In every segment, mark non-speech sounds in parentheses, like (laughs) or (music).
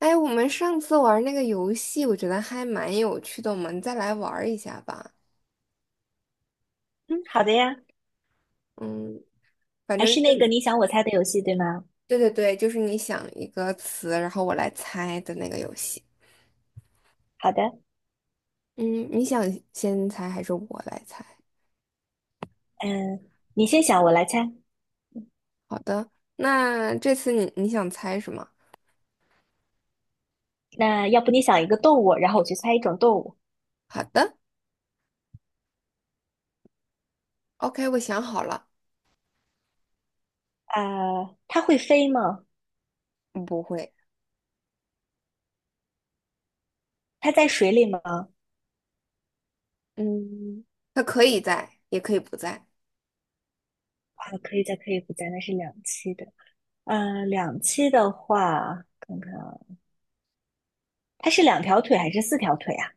哎，我们上次玩那个游戏，我觉得还蛮有趣的，我们再来玩儿一下吧。嗯，好的呀，嗯，反还正是就那个是你想我猜的游戏，对吗？对对对，就是你想一个词，然后我来猜的那个游戏。好的，嗯，你想先猜还是我来猜？嗯，你先想，我来猜。好的，那这次你想猜什么？那要不你想一个动物，然后我去猜一种动物。好的，OK，我想好了。它会飞吗？嗯不会，它在水里吗？嗯，他可以在，也可以不在。啊，可以在，可以不在，那是两栖的。嗯，两栖的话，看看啊，它是两条腿还是四条腿啊？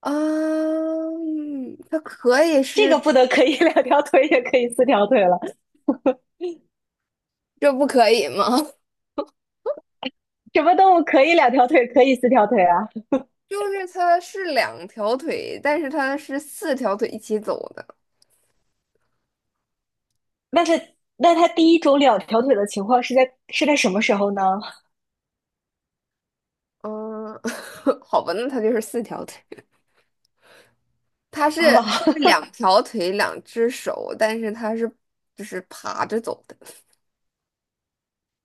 啊，嗯它可以这个是，不得可以 (laughs) 两条腿，也可以四条腿了。这不可以吗？(laughs) 什么动物可以两条腿，可以四条腿啊？就是它是两条腿，但是它是四条腿一起走的。那它那它第一种两条腿的情况是在什么时候呢？嗯，(laughs) 好吧，那它就是四条腿。它是啊，它是 (laughs) 两条腿，两只手，但是它是就是爬着走的，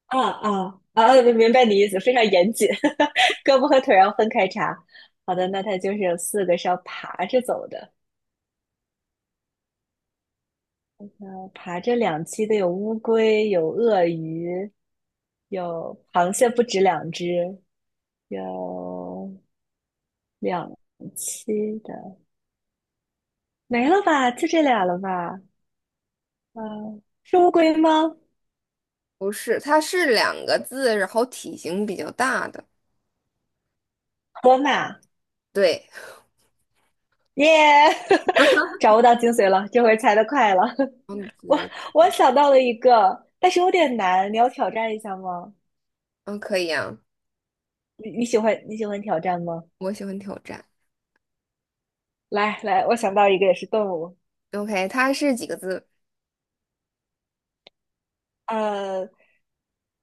啊啊啊！明白你意思，非常严谨，(laughs) 胳膊和腿儿要分开查。好的，那它就是有四个是要爬着走的，爬着两栖的有乌龟，有鳄鱼，有螃蟹，不止两只，有两栖的，没了吧？就这俩了吧？嗯、是乌龟吗？不是，它是两个字，然后体型比较大的。河马对，耶找不 (laughs) 到精髓了，这回猜的快了。(laughs) 嗯我子我想到了一个，但是有点难，你要挑战一下吗？嗯，可以啊，你喜欢挑战吗？我喜欢挑战。来来，我想到一个也是动物，OK，它是几个字？呃，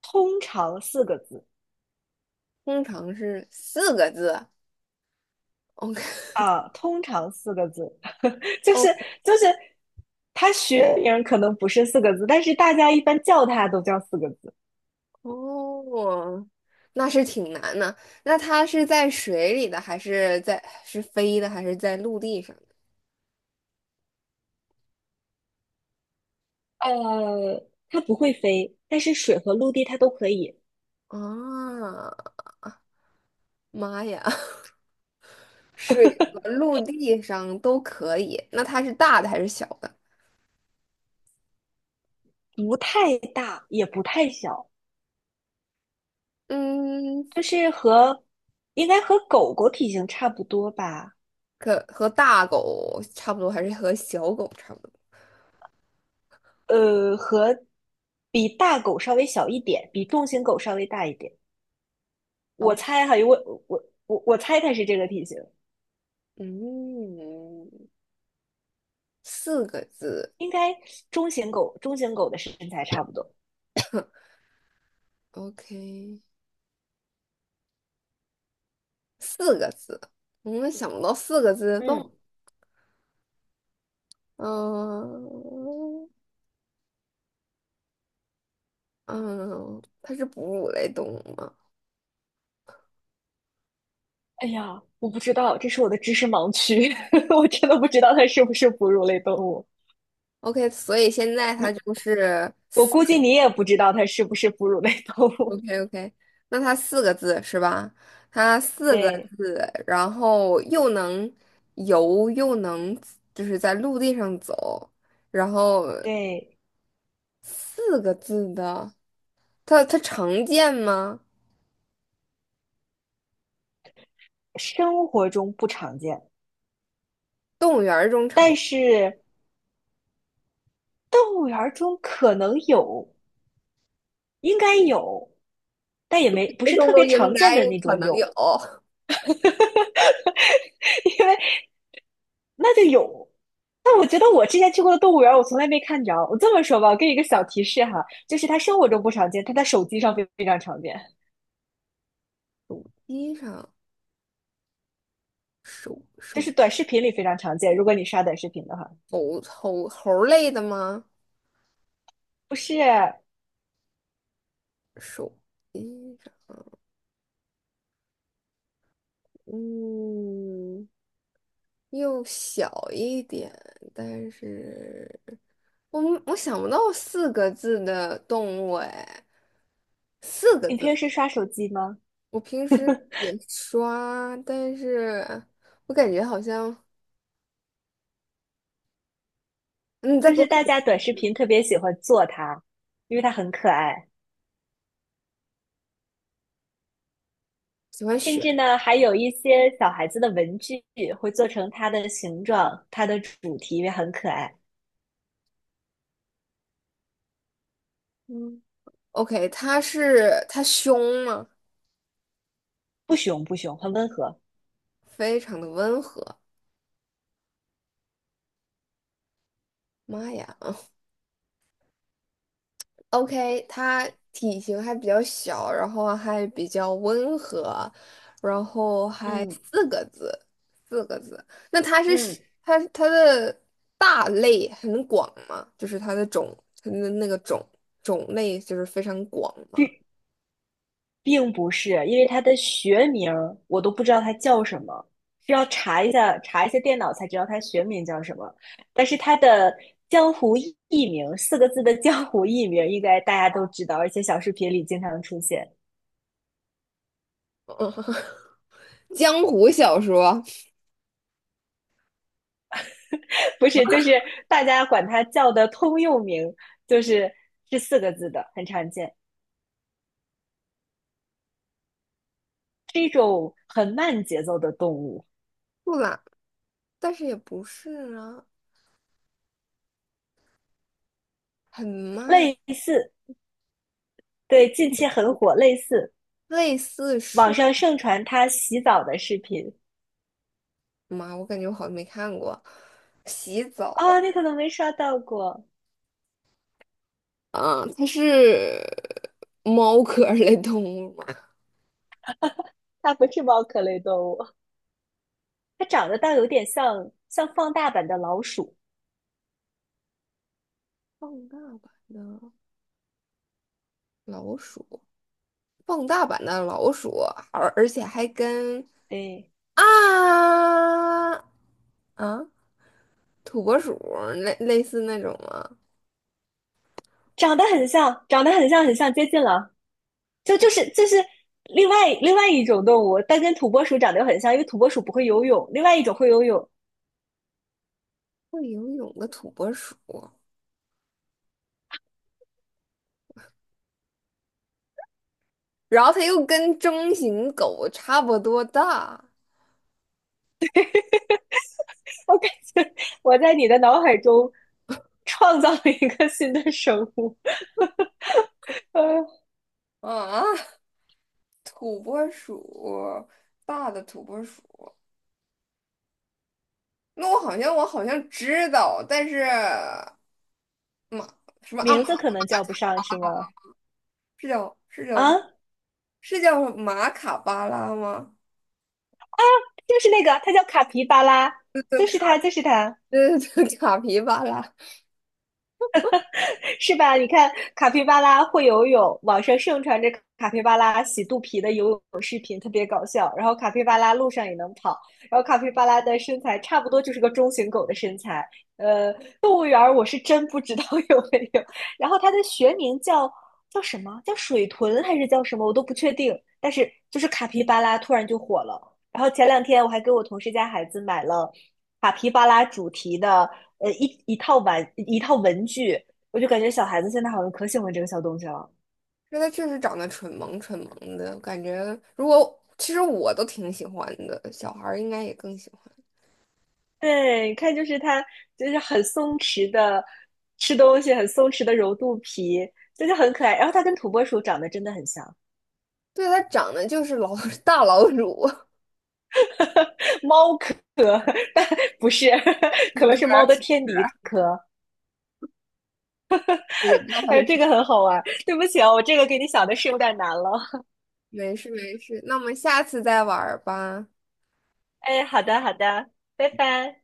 通常四个字通常是四个字。OK，OK，啊，通常四个字，(laughs) 就是 (laughs) 就是，它学名可能不是四个字，但是大家一般叫它都叫四个字。哦，那是挺难的。那它是在水里的，还是在是飞的，还是在陆地上呃，它不会飞，但是水和陆地它都可以，的？啊，妈呀，(laughs) 水和陆地上都可以。那它是大的还是小的？不太大也不太小。嗯，就是和应该和狗狗体型差不多吧，可和大狗差不多，还是和小狗差不多？呃，和比大狗稍微小一点，比重型狗稍微大一点。我好，猜哈，因为我猜它是这个体型，嗯，四个字应该中型狗的身材差不多。，OK，四个字。我们想不到四个字的动物嗯，嗯。嗯，它是哺乳类动物吗哎呀，我不知道，这是我的知识盲区，(laughs) 我真的不知道它是不是哺乳类动物。？OK，所以现在它就是我四估计你也不知道它是不是哺乳类动物。，OK OK，那它四个字是吧？它 (laughs) 四个对字，然后又能游又能就是在陆地上走，然后对，四个字的，它常见吗？生活中不常见。但是动物园儿中可能有，应该有，但也没不是种特都别应常见该的那可种能有，有，(laughs) 因为那就有。但我觉得我之前去过的动物园儿，我从来没看着。我这么说吧，我给你一个小提示哈，就是它生活中不常见，它在手机上非常常见，地上手就手是短视频里非常常见。如果你刷短视频的话，猴类的吗？不是手地上，嗯。又小一点，但是我想不到四个字的动物哎，四个你字，平时刷手机吗？我平时也刷，但是我感觉好像嗯你再就给我是大家短视频特别喜欢做它，因为它很可爱。喜欢甚选，至呢，还有一些小孩子的文具会做成它的形状，它的主题也很可爱，(laughs) 嗯，OK，它是它凶吗？不熊，很温和。非常的温和，妈呀！OK，它体型还比较小，然后还比较温和，然后还嗯四个字，四个字。那它是嗯，是它的大类很广吗？就是它的种，它的那个种类就是非常广吗？并并不是，因为它的学名儿我都不知道它叫什么，需要查一下电脑才知道它学名叫什么。但是它的江湖艺名，四个字的江湖艺名，应该大家都知道，而且小视频里经常出现。(laughs) 江湖小说，不是，就是大家管它叫的通用名，就是四个字的，很常见，是一种很慢节奏的动物，不啦，但是也不是啊，很慢，类似，对，近期很火，类似，类似网树上盛传它洗澡的视频。吗？我感觉我好像没看过。洗澡，啊，你可能没刷到过，啊，它是猫科儿类动物吗？(laughs) 它不是猫科类动物，它长得倒有点像放大版的老鼠，放大版的老鼠，放大版的老鼠，而且还跟对，啊啊土拨鼠类似那种吗？长得很像，长得很像，很像，接近了。就是另外一种动物，但跟土拨鼠长得又很像，因为土拨鼠不会游泳，另外一种会游泳。会游泳的土拨鼠，然后它又跟中型狗差不多大我感觉我在你的脑海中创造了一个新的生物，(laughs) 呃，啊，土拨鼠，大的土拨鼠。那我好像知道，但是。马什么名字阿？可能叫不上是吗？是叫是叫啊，是叫马卡巴拉吗？就是那个，它叫卡皮巴拉，就是它，就是它。对对对，(laughs) 卡皮巴拉。是吧？你看卡皮巴拉会游泳，网上盛传着卡皮巴拉洗肚皮的游泳视频，特别搞笑。然后卡皮巴拉路上也能跑，然后卡皮巴拉的身材差不多就是个中型狗的身材。呃，动物园我是真不知道 (laughs) 有没有。然后它的学名叫什么？叫水豚还是叫什么？我都不确定。但是就是卡皮巴拉突然就火了。然后前两天我还给我同事家孩子买了卡皮巴拉主题的一套文具，我就感觉小孩子现在好像可喜欢这个小东西了。因为它确实长得蠢萌蠢萌的，感觉如果其实我都挺喜欢的，小孩儿应该也更喜欢。对，你看，就是它，就是很松弛的吃东西，很松弛的揉肚皮，就是很可爱。然后它跟土拨鼠长得真的很像，对，它长得就是老 (laughs) 大老鼠。猫科，但不是，可能是猫的天敌科。也不知道它哎，是这啥。个很好玩。对不起啊，我这个给你想的是有点难了。没事没事，那我们下次再玩儿吧。(laughs) 哎，好的，好的，拜拜。